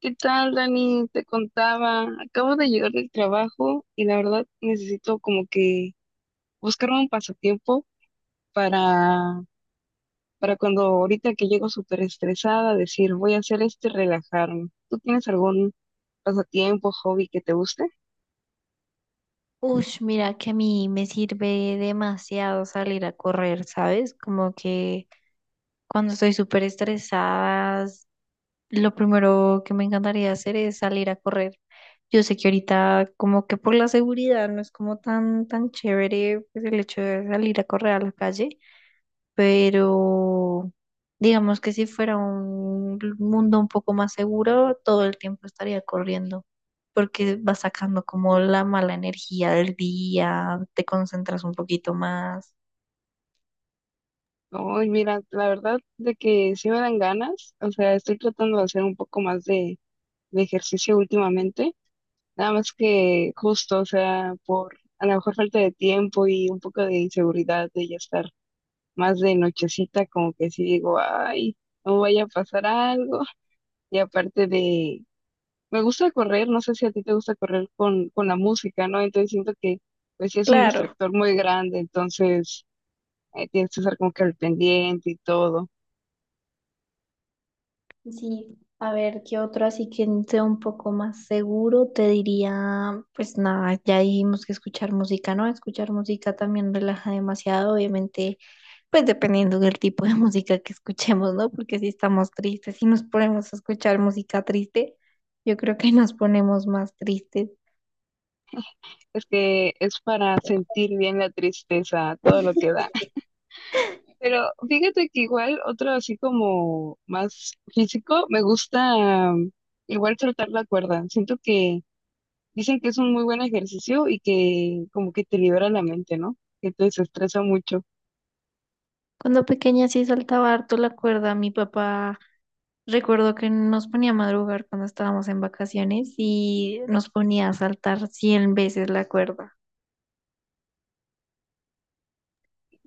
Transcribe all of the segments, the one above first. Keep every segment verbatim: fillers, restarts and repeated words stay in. ¿Qué tal, Dani? Te contaba, acabo de llegar del trabajo y la verdad necesito como que buscar un pasatiempo para, para cuando ahorita que llego súper estresada, decir, voy a hacer esto y relajarme. ¿Tú tienes algún pasatiempo, hobby que te guste? Ush, mira que a mí me sirve demasiado salir a correr, ¿sabes? Como que cuando estoy súper estresada, lo primero que me encantaría hacer es salir a correr. Yo sé que ahorita como que por la seguridad no es como tan tan chévere pues, el hecho de salir a correr a la calle, pero digamos que si fuera un mundo un poco más seguro, todo el tiempo estaría corriendo, porque vas sacando como la mala energía del día, te concentras un poquito más. Ay, mira, la verdad de que sí me dan ganas, o sea, estoy tratando de hacer un poco más de, de ejercicio últimamente, nada más que justo, o sea, por a lo mejor falta de tiempo y un poco de inseguridad de ya estar más de nochecita, como que sí digo, ay, no vaya a pasar algo. Y aparte de, me gusta correr, no sé si a ti te gusta correr con, con la música, ¿no? Entonces siento que, pues sí es un Claro. distractor muy grande, entonces eh, tienes que estar como que al pendiente y todo. Sí, a ver, ¿qué otro así que sea un poco más seguro? Te diría, pues nada, ya dijimos que escuchar música, ¿no? Escuchar música también relaja demasiado, obviamente. Pues dependiendo del tipo de música que escuchemos, ¿no? Porque si estamos tristes, si nos ponemos a escuchar música triste, yo creo que nos ponemos más tristes. Es que es para sentir bien la tristeza, todo lo que da. Pero fíjate que igual otro así como más físico, me gusta mm, igual saltar la cuerda. Siento que dicen que es un muy buen ejercicio y que como que te libera la mente, ¿no? Que te desestresa mucho. Cuando pequeña sí saltaba harto la cuerda, mi papá recuerdo que nos ponía a madrugar cuando estábamos en vacaciones y nos ponía a saltar cien veces la cuerda.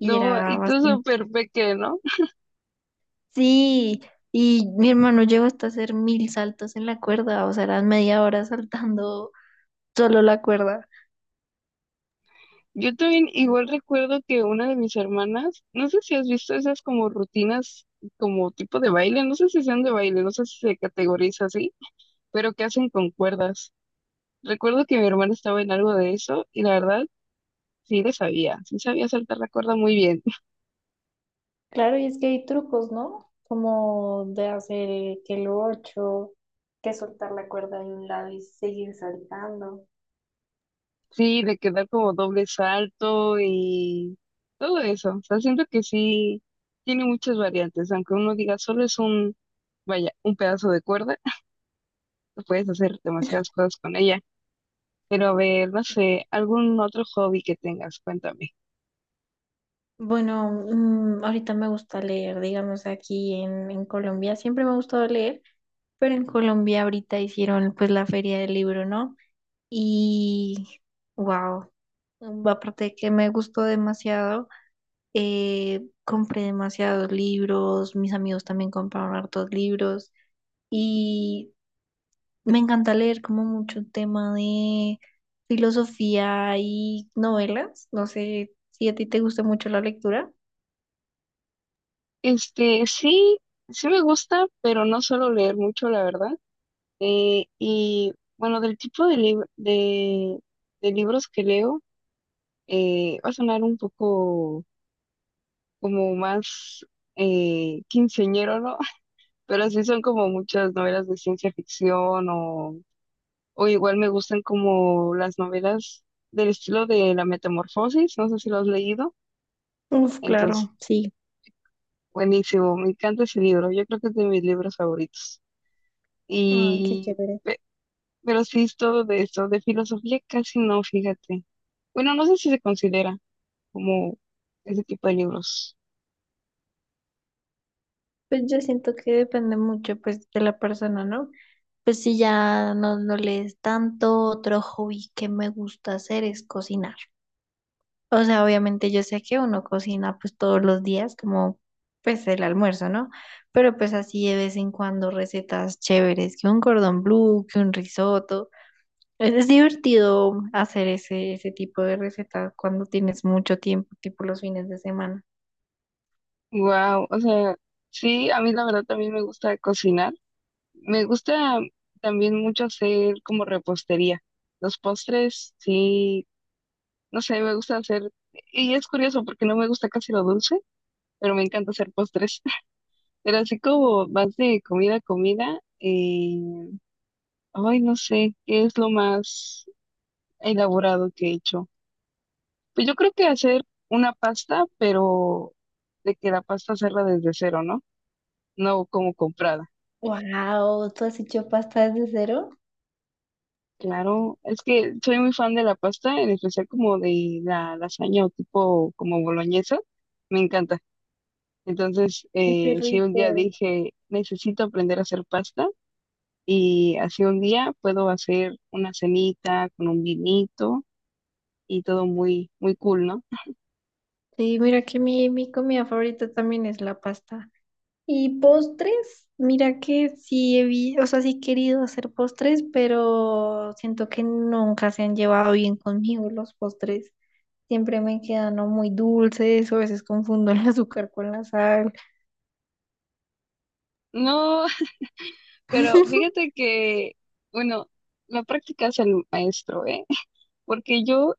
Y era y tú bastante... súper peque, ¿no? Sí, y mi hermano llegó hasta hacer mil saltos en la cuerda, o sea, eran media hora saltando solo la cuerda. Yo también igual recuerdo que una de mis hermanas, no sé si has visto esas como rutinas, como tipo de baile, no sé si sean de baile, no sé si se categoriza así, pero que hacen con cuerdas. Recuerdo que mi hermana estaba en algo de eso y la verdad sí le sabía, sí sabía saltar la cuerda muy bien. Claro, y es que hay trucos, ¿no? Como de hacer eh, que el ocho, que soltar la cuerda de un lado y seguir saltando. Sí, de quedar como doble salto y todo eso. O sea, siento que sí tiene muchas variantes, aunque uno diga solo es un, vaya, un pedazo de cuerda, puedes hacer demasiadas cosas con ella. Pero a ver, no sé, algún otro hobby que tengas, cuéntame. Bueno, mm, ahorita me gusta leer, digamos, aquí en, en Colombia, siempre me ha gustado leer, pero en Colombia ahorita hicieron pues la feria del libro, ¿no? Y wow, aparte de que me gustó demasiado, eh, compré demasiados libros, mis amigos también compraron hartos libros. Y me encanta leer como mucho tema de filosofía y novelas. No sé si a ti te gusta mucho la lectura. Este, sí, sí me gusta, pero no suelo leer mucho, la verdad. Eh, y bueno, del tipo de, lib- de, de libros que leo, eh, va a sonar un poco como más eh, quinceañero, ¿no? Pero sí son como muchas novelas de ciencia ficción o, o igual me gustan como las novelas del estilo de La Metamorfosis, no sé si lo has leído, Uf, entonces, claro, sí. buenísimo, me encanta ese libro, yo creo que es de mis libros favoritos. Ah, qué Y, chévere. pe- pero sí es todo de esto, de filosofía casi no, fíjate. Bueno, no sé si se considera como ese tipo de libros. Pues yo siento que depende mucho pues de la persona, ¿no? Pues si ya no, no lees tanto, otro hobby que me gusta hacer es cocinar. O sea, obviamente yo sé que uno cocina pues todos los días como pues el almuerzo, ¿no? Pero pues así de vez en cuando recetas chéveres, que un cordón blue, que un risotto. Es, es divertido hacer ese, ese tipo de recetas cuando tienes mucho tiempo, tipo los fines de semana. Wow, o sea, sí, a mí la verdad también me gusta cocinar. Me gusta también mucho hacer como repostería. Los postres, sí, no sé, me gusta hacer, y es curioso porque no me gusta casi lo dulce, pero me encanta hacer postres. Pero así como más de comida a comida, eh, ay, no sé, ¿qué es lo más elaborado que he hecho? Pues yo creo que hacer una pasta, pero de que la pasta hacerla desde cero, ¿no? No como comprada. Wow, ¿tú has hecho pasta desde cero? Claro, es que soy muy fan de la pasta, en especial como de la lasaña o tipo como boloñesa, me encanta. Entonces, Ay, Qué eh, si un día rico. dije, necesito aprender a hacer pasta y así un día puedo hacer una cenita con un vinito y todo muy, muy cool, ¿no? Sí, mira que mi, mi comida favorita también es la pasta. Y postres, mira que sí he vi- o sea, sí he querido hacer postres, pero siento que nunca se han llevado bien conmigo los postres. Siempre me quedan o muy dulces, o a veces confundo el azúcar con la sal. No, pero fíjate que, bueno, la práctica es el maestro, ¿eh? Porque yo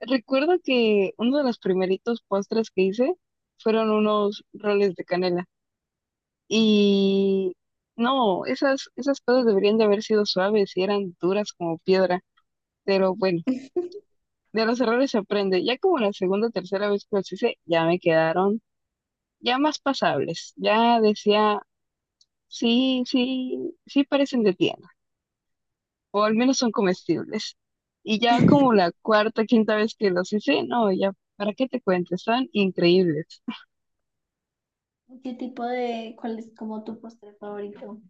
recuerdo que uno de los primeritos postres que hice fueron unos roles de canela. Y no, esas, esas cosas deberían de haber sido suaves y eran duras como piedra. Pero bueno, de los errores se aprende. Ya como la segunda o tercera vez que los hice, ya me quedaron ya más pasables. Ya decía, sí, sí, sí parecen de tienda. O al menos son comestibles. Y ya como la cuarta, quinta vez que los hice, no, ya, ¿para qué te cuento? Están increíbles. ¿Qué tipo de, cuál es como tu postre favorito?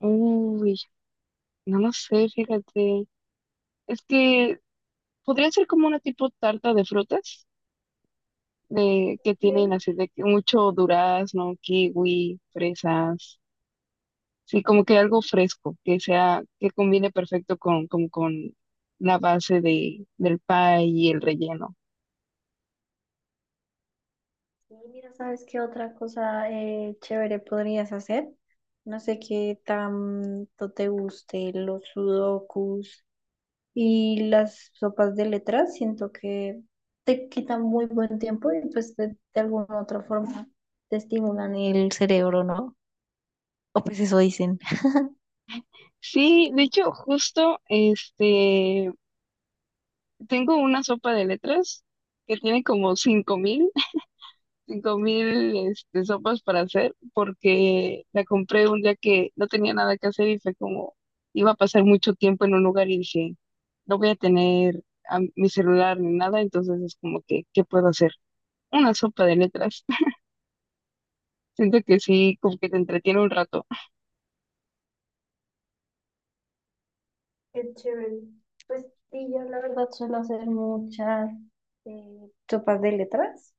Uy, no lo sé, fíjate. Es que podría ser como una tipo tarta de frutas, de que tienen Okay. así de que mucho durazno, kiwi, fresas, sí, como que algo fresco, que sea, que combine perfecto con, con con la base de, del pie y el relleno. Sí, mira, ¿sabes qué otra cosa eh, chévere podrías hacer? No sé qué tanto te guste los sudokus y las sopas de letras. Siento que te quitan muy buen tiempo y pues de, de alguna u otra forma te estimulan el cerebro, ¿no? O pues eso dicen. Sí, de hecho, justo, este, tengo una sopa de letras que tiene como cinco mil cinco mil este, sopas para hacer porque la compré un día que no tenía nada que hacer y fue como iba a pasar mucho tiempo en un lugar y dije, no voy a tener a mi celular ni nada, entonces es como que, ¿qué puedo hacer? Una sopa de letras. Siento que sí, como que te entretiene un rato. Qué chévere. Pues sí, yo la verdad suelo hacer muchas eh, Sopas de letras,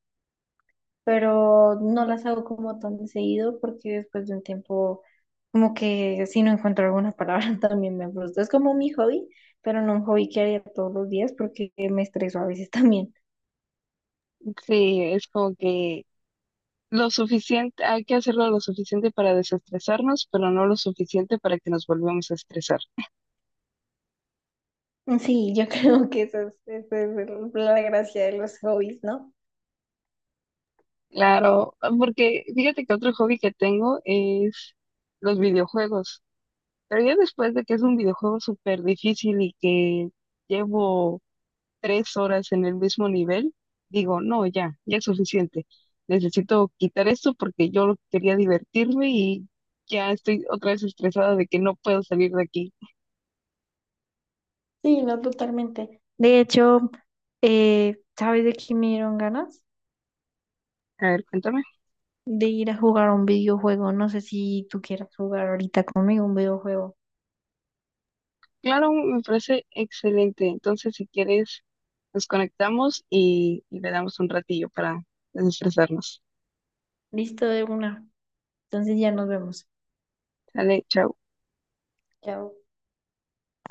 pero no las hago como tan seguido porque después de un tiempo como que si no encuentro alguna palabra también me frustro. Es como mi hobby, pero no un hobby que haría todos los días porque me estreso a veces también. Sí, es como que lo suficiente, hay que hacerlo lo suficiente para desestresarnos, pero no lo suficiente para que nos volvamos a estresar. Sí, yo creo que eso es, eso es el- la gracia de los hobbies, ¿no? Claro, porque fíjate que otro hobby que tengo es los videojuegos. Pero ya después de que es un videojuego súper difícil y que llevo tres horas en el mismo nivel, digo, no, ya, ya es suficiente. Necesito quitar esto porque yo quería divertirme y ya estoy otra vez estresada de que no puedo salir de aquí. Sí, no, totalmente. De hecho, eh, ¿sabes de qué me dieron ganas? A ver, cuéntame. De ir a jugar un videojuego. No sé si tú quieras jugar ahorita conmigo un videojuego. Claro, me parece excelente. Entonces, si quieres, nos conectamos y, y le damos un ratillo para desestresarnos. Listo de una. Entonces ya nos vemos. Sale, chao. Chao.